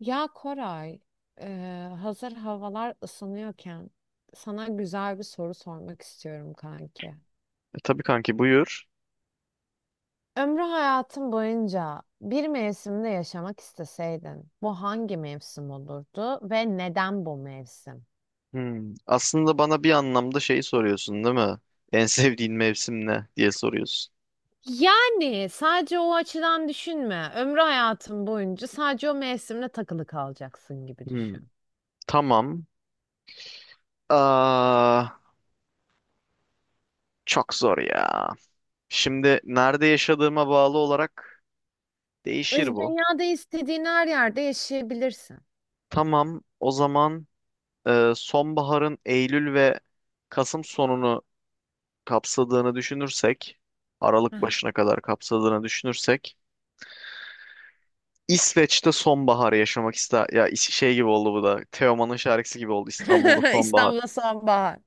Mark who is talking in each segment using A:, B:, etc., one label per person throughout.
A: Ya Koray, hazır havalar ısınıyorken sana güzel bir soru sormak istiyorum kanki.
B: Tabii kanki buyur.
A: Ömrü hayatın boyunca bir mevsimde yaşamak isteseydin, bu hangi mevsim olurdu ve neden bu mevsim?
B: Hmm. Aslında bana bir anlamda şeyi soruyorsun değil mi? En sevdiğin mevsim ne diye soruyorsun.
A: Yani sadece o açıdan düşünme. Ömrü hayatın boyunca sadece o mevsimle takılı kalacaksın gibi
B: Hmm.
A: düşün.
B: Tamam. Aa, çok zor ya. Şimdi nerede yaşadığıma bağlı olarak
A: Biz
B: değişir bu.
A: dünyada istediğin her yerde yaşayabilirsin.
B: Tamam. O zaman sonbaharın Eylül ve Kasım sonunu kapsadığını düşünürsek, Aralık
A: Aha.
B: başına kadar kapsadığını düşünürsek İsveç'te sonbaharı yaşamak ister. Ya şey gibi oldu bu da. Teoman'ın şarkısı gibi oldu. İstanbul'da sonbahar.
A: İstanbul'da sonbahar.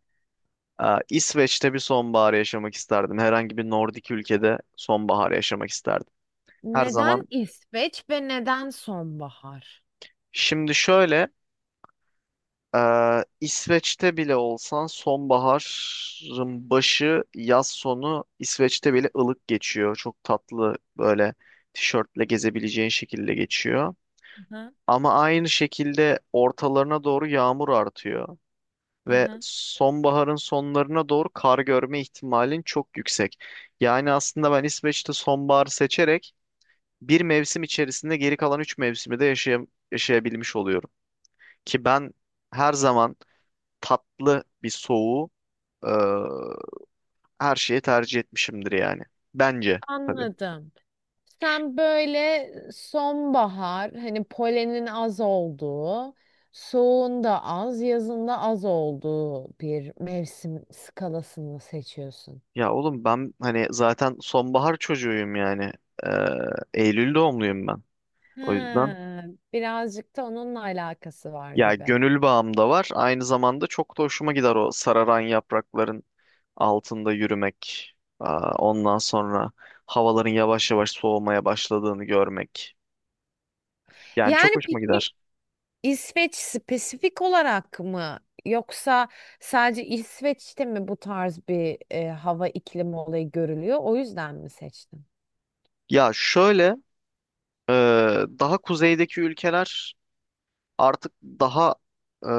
B: İsveç'te bir sonbahar yaşamak isterdim. Herhangi bir Nordik ülkede sonbahar yaşamak isterdim. Her
A: Neden
B: zaman.
A: İsveç ve neden sonbahar?
B: Şimdi şöyle, e, İsveç'te bile olsan sonbaharın başı, yaz sonu İsveç'te bile ılık geçiyor. Çok tatlı böyle tişörtle gezebileceğin şekilde geçiyor.
A: Aha,
B: Ama aynı şekilde ortalarına doğru yağmur artıyor ve
A: aha.
B: sonbaharın sonlarına doğru kar görme ihtimalin çok yüksek. Yani aslında ben İsveç'te sonbaharı seçerek bir mevsim içerisinde geri kalan üç mevsimi de yaşayabilmiş oluyorum. Ki ben her zaman tatlı bir soğuğu e, her şeye tercih etmişimdir yani. Bence tabii.
A: Anladım. Sen böyle sonbahar, hani polenin az olduğu, soğuğun da az, yazın da az olduğu bir mevsim skalasını seçiyorsun.
B: Ya oğlum ben hani zaten sonbahar çocuğuyum yani. E, Eylül doğumluyum ben. O yüzden.
A: Ha, birazcık da onunla alakası var
B: Ya
A: gibi.
B: gönül bağım da var. Aynı zamanda çok da hoşuma gider o sararan yaprakların altında yürümek. Ondan sonra havaların yavaş yavaş soğumaya başladığını görmek. Yani çok
A: Yani
B: hoşuma
A: peki
B: gider.
A: İsveç spesifik olarak mı yoksa sadece İsveç'te mi bu tarz bir hava iklimi olayı görülüyor? O yüzden mi seçtin?
B: Ya şöyle e, daha kuzeydeki ülkeler artık daha e,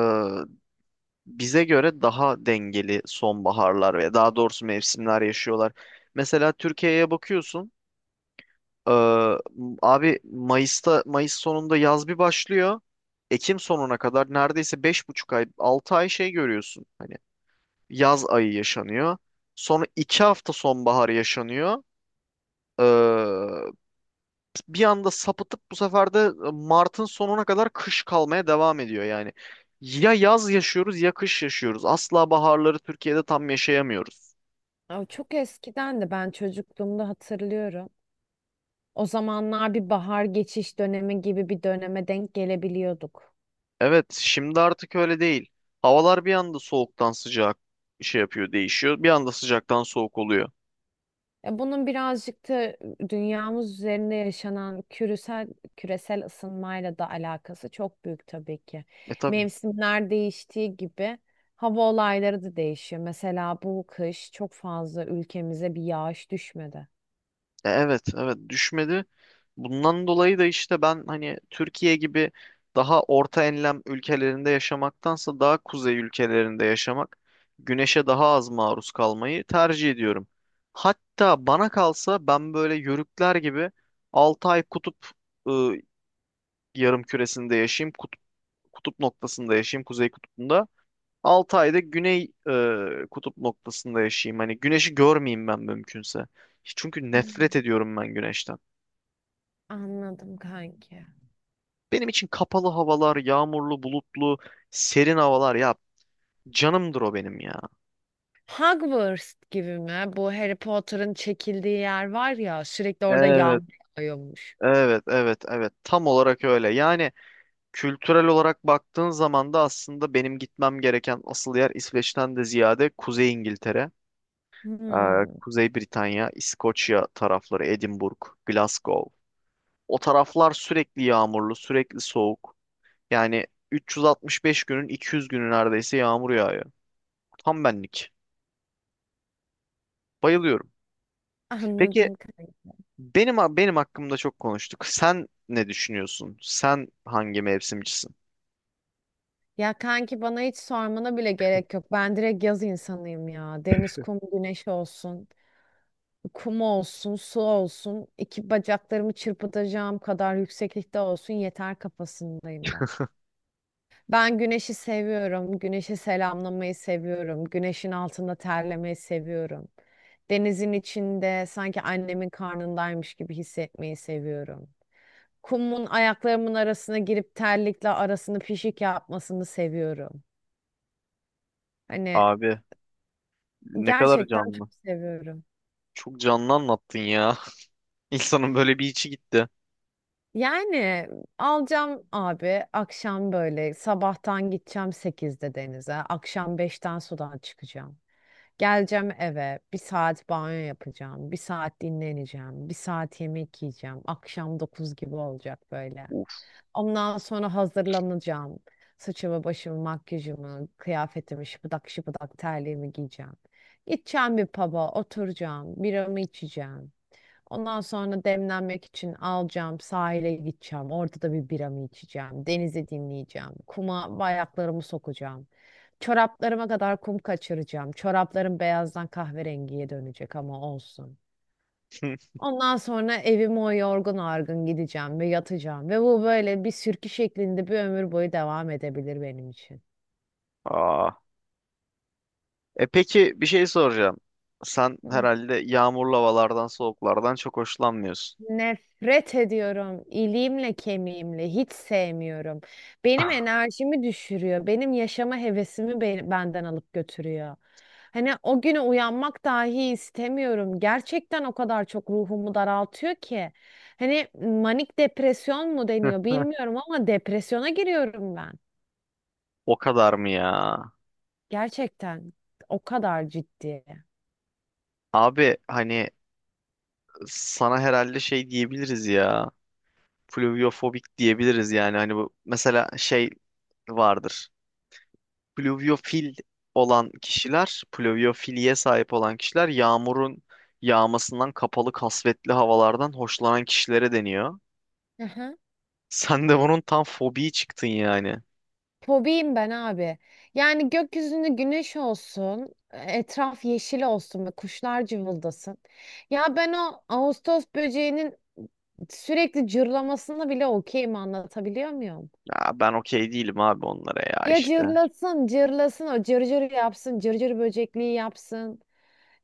B: bize göre daha dengeli sonbaharlar ve daha doğrusu mevsimler yaşıyorlar. Mesela Türkiye'ye bakıyorsun. Ee, abi Mayıs'ta Mayıs sonunda yaz bir başlıyor. Ekim sonuna kadar neredeyse 5,5 ay, 6 ay şey görüyorsun. Hani yaz ayı yaşanıyor. Sonra 2 hafta sonbahar yaşanıyor. Ee, bir anda sapıtıp bu sefer de Mart'ın sonuna kadar kış kalmaya devam ediyor yani. Ya yaz yaşıyoruz ya kış yaşıyoruz. Asla baharları Türkiye'de tam yaşayamıyoruz.
A: Aa, çok eskiden de ben çocukluğumda hatırlıyorum. O zamanlar bir bahar geçiş dönemi gibi bir döneme denk gelebiliyorduk.
B: Evet, şimdi artık öyle değil. Havalar bir anda soğuktan sıcak şey yapıyor, değişiyor. Bir anda sıcaktan soğuk oluyor.
A: Ya bunun birazcık da dünyamız üzerinde yaşanan küresel ısınmayla da alakası çok büyük tabii ki.
B: E tabii.
A: Mevsimler değiştiği gibi hava olayları da değişiyor. Mesela bu kış çok fazla ülkemize bir yağış düşmedi.
B: Evet, evet düşmedi. Bundan dolayı da işte ben hani Türkiye gibi daha orta enlem ülkelerinde yaşamaktansa daha kuzey ülkelerinde yaşamak, güneşe daha az maruz kalmayı tercih ediyorum. Hatta bana kalsa ben böyle yörükler gibi 6 ay kutup ıı, yarım küresinde yaşayayım, kutup noktasında yaşayayım, kuzey kutbunda. 6 ayda güney kutup noktasında yaşayayım. Hani güneşi görmeyeyim ben mümkünse. Çünkü nefret
A: Hmm,
B: ediyorum ben güneşten.
A: anladım kanki.
B: Benim için kapalı havalar, yağmurlu, bulutlu, serin havalar ya canımdır o benim ya.
A: Hogwarts gibi mi? Bu Harry Potter'ın çekildiği yer var ya sürekli orada
B: Evet,
A: yağmur yağıyormuş.
B: evet, evet, evet. Tam olarak öyle. Yani kültürel olarak baktığın zaman da aslında benim gitmem gereken asıl yer İsveç'ten de ziyade Kuzey İngiltere, e,
A: Hmm,
B: Kuzey Britanya, İskoçya tarafları, Edinburgh, Glasgow. O taraflar sürekli yağmurlu, sürekli soğuk. Yani 365 günün 200 günü neredeyse yağmur yağıyor. Tam benlik. Bayılıyorum. Peki
A: anladım kanki.
B: benim hakkımda çok konuştuk. Sen ne düşünüyorsun? Sen hangi mevsimcisin?
A: Ya kanki bana hiç sormana bile gerek yok. Ben direkt yaz insanıyım ya. Deniz, kum, güneş olsun. Kum olsun, su olsun. İki bacaklarımı çırpıtacağım kadar yükseklikte olsun yeter kafasındayım ben. Ben güneşi seviyorum. Güneşi selamlamayı seviyorum. Güneşin altında terlemeyi seviyorum. Denizin içinde sanki annemin karnındaymış gibi hissetmeyi seviyorum. Kumun ayaklarımın arasına girip terlikle arasını pişik yapmasını seviyorum. Hani
B: Abi ne kadar
A: gerçekten çok
B: canlı.
A: seviyorum.
B: Çok canlı anlattın ya. İnsanın böyle bir içi gitti.
A: Yani alacağım abi akşam böyle sabahtan gideceğim sekizde denize. Akşam beşten sudan çıkacağım. Geleceğim eve bir saat banyo yapacağım. Bir saat dinleneceğim. Bir saat yemek yiyeceğim. Akşam 9 gibi olacak böyle.
B: Uf.
A: Ondan sonra hazırlanacağım. Saçımı, başımı, makyajımı, kıyafetimi, şıpıdak şıpıdak terliğimi giyeceğim. Gideceğim bir pub'a, oturacağım, biramı içeceğim. Ondan sonra demlenmek için alacağım, sahile gideceğim. Orada da bir biramı içeceğim. Denizi dinleyeceğim. Kuma ayaklarımı sokacağım. Çoraplarıma kadar kum kaçıracağım. Çoraplarım beyazdan kahverengiye dönecek ama olsun. Ondan sonra evime o yorgun argın gideceğim ve yatacağım. Ve bu böyle bir sürkü şeklinde bir ömür boyu devam edebilir benim için.
B: Aa. E peki bir şey soracağım. Sen herhalde yağmurlu havalardan, soğuklardan çok hoşlanmıyorsun.
A: Nefret ediyorum. İliğimle kemiğimle hiç sevmiyorum. Benim enerjimi düşürüyor. Benim yaşama hevesimi benden alıp götürüyor. Hani o güne uyanmak dahi istemiyorum. Gerçekten o kadar çok ruhumu daraltıyor ki. Hani manik depresyon mu deniyor bilmiyorum ama depresyona giriyorum ben.
B: O kadar mı ya?
A: Gerçekten o kadar ciddi.
B: Abi hani sana herhalde şey diyebiliriz ya. Pluviofobik diyebiliriz yani. Hani bu mesela şey vardır. Pluviofil olan kişiler, pluviofiliye sahip olan kişiler yağmurun yağmasından kapalı kasvetli havalardan hoşlanan kişilere deniyor.
A: Aha.
B: Sen de bunun tam fobiyi çıktın yani.
A: Fobiyim ben abi. Yani gökyüzünde güneş olsun, etraf yeşil olsun ve kuşlar cıvıldasın. Ya ben o Ağustos böceğinin sürekli cırlamasını bile okeyim anlatabiliyor muyum?
B: Ya ben okey değilim abi onlara ya
A: Ya
B: işte.
A: cırlasın, cırlasın, o cırcır yapsın, cırcır böcekliği yapsın.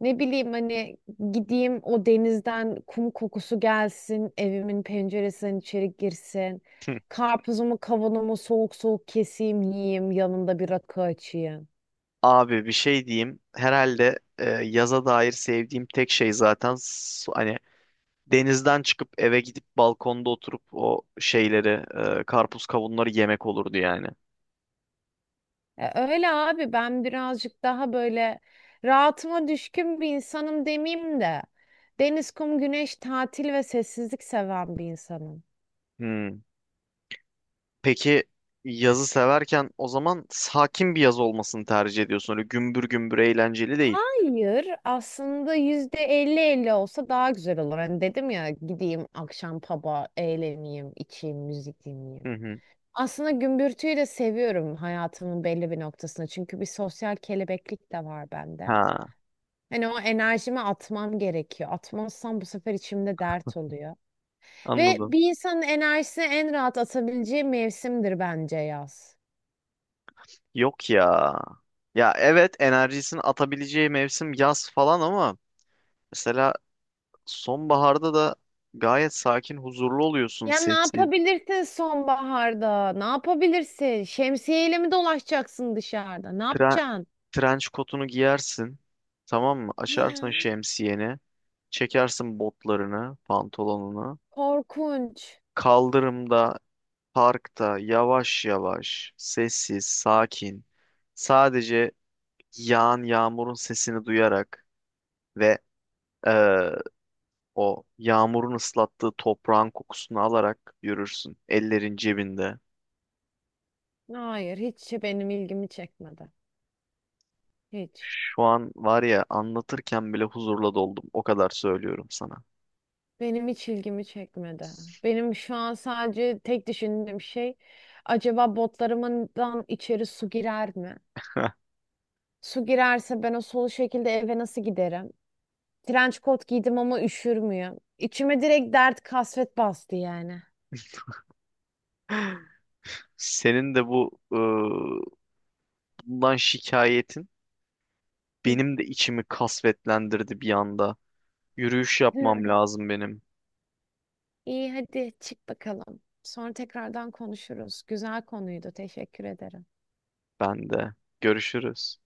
A: Ne bileyim hani gideyim o denizden kum kokusu gelsin, evimin penceresinden içeri girsin. Karpuzumu, kavanomu soğuk soğuk keseyim, yiyeyim, yanında bir rakı açayım.
B: Abi bir şey diyeyim. Herhalde yaza dair sevdiğim tek şey zaten hani denizden çıkıp eve gidip balkonda oturup o şeyleri, karpuz kavunları yemek olurdu yani.
A: E, öyle abi ben birazcık daha böyle rahatıma düşkün bir insanım demeyeyim de. Deniz, kum, güneş, tatil ve sessizlik seven bir insanım.
B: Hmm. Peki yazı severken o zaman sakin bir yaz olmasını tercih ediyorsun. Öyle gümbür gümbür eğlenceli değil.
A: Hayır, aslında %50 %50 olsa daha güzel olur. Hani dedim ya gideyim akşam pub'a eğleneyim, içeyim, müzik
B: Hı
A: dinleyeyim.
B: hı.
A: Aslında gümbürtüyü de seviyorum hayatımın belli bir noktasında. Çünkü bir sosyal kelebeklik de var bende.
B: Ha,
A: Hani o enerjimi atmam gerekiyor. Atmazsam bu sefer içimde dert oluyor. Ve
B: anladım.
A: bir insanın enerjisini en rahat atabileceği mevsimdir bence yaz.
B: Yok ya. Ya evet enerjisini atabileceği mevsim yaz falan ama mesela sonbaharda da gayet sakin, huzurlu oluyorsun.
A: Ya ne
B: Sessiz.
A: yapabilirsin sonbaharda? Ne yapabilirsin? Şemsiyeyle mi dolaşacaksın dışarıda? Ne
B: Tren-
A: yapacaksın?
B: trench kotunu giyersin. Tamam mı? Açarsın
A: Hı.
B: şemsiyeni. Çekersin botlarını, pantolonunu.
A: Korkunç.
B: Kaldırımda, parkta yavaş yavaş, sessiz, sakin. Sadece yağan yağmurun sesini duyarak ve eee, o yağmurun ıslattığı toprağın kokusunu alarak yürürsün. Ellerin cebinde.
A: Hayır, hiç benim ilgimi çekmedi. Hiç.
B: Şu an var ya anlatırken bile huzurla doldum. O kadar söylüyorum sana.
A: Benim hiç ilgimi çekmedi. Benim şu an sadece tek düşündüğüm şey acaba botlarımdan içeri su girer mi? Su girerse ben o solu şekilde eve nasıl giderim? Trench coat giydim ama üşür müyüm? İçime direkt dert kasvet bastı yani.
B: Senin de bundan şikayetin benim de içimi kasvetlendirdi bir anda. Yürüyüş yapmam
A: Hı.
B: lazım benim.
A: İyi hadi çık bakalım. Sonra tekrardan konuşuruz. Güzel konuydu. Teşekkür ederim.
B: Ben de. Görüşürüz.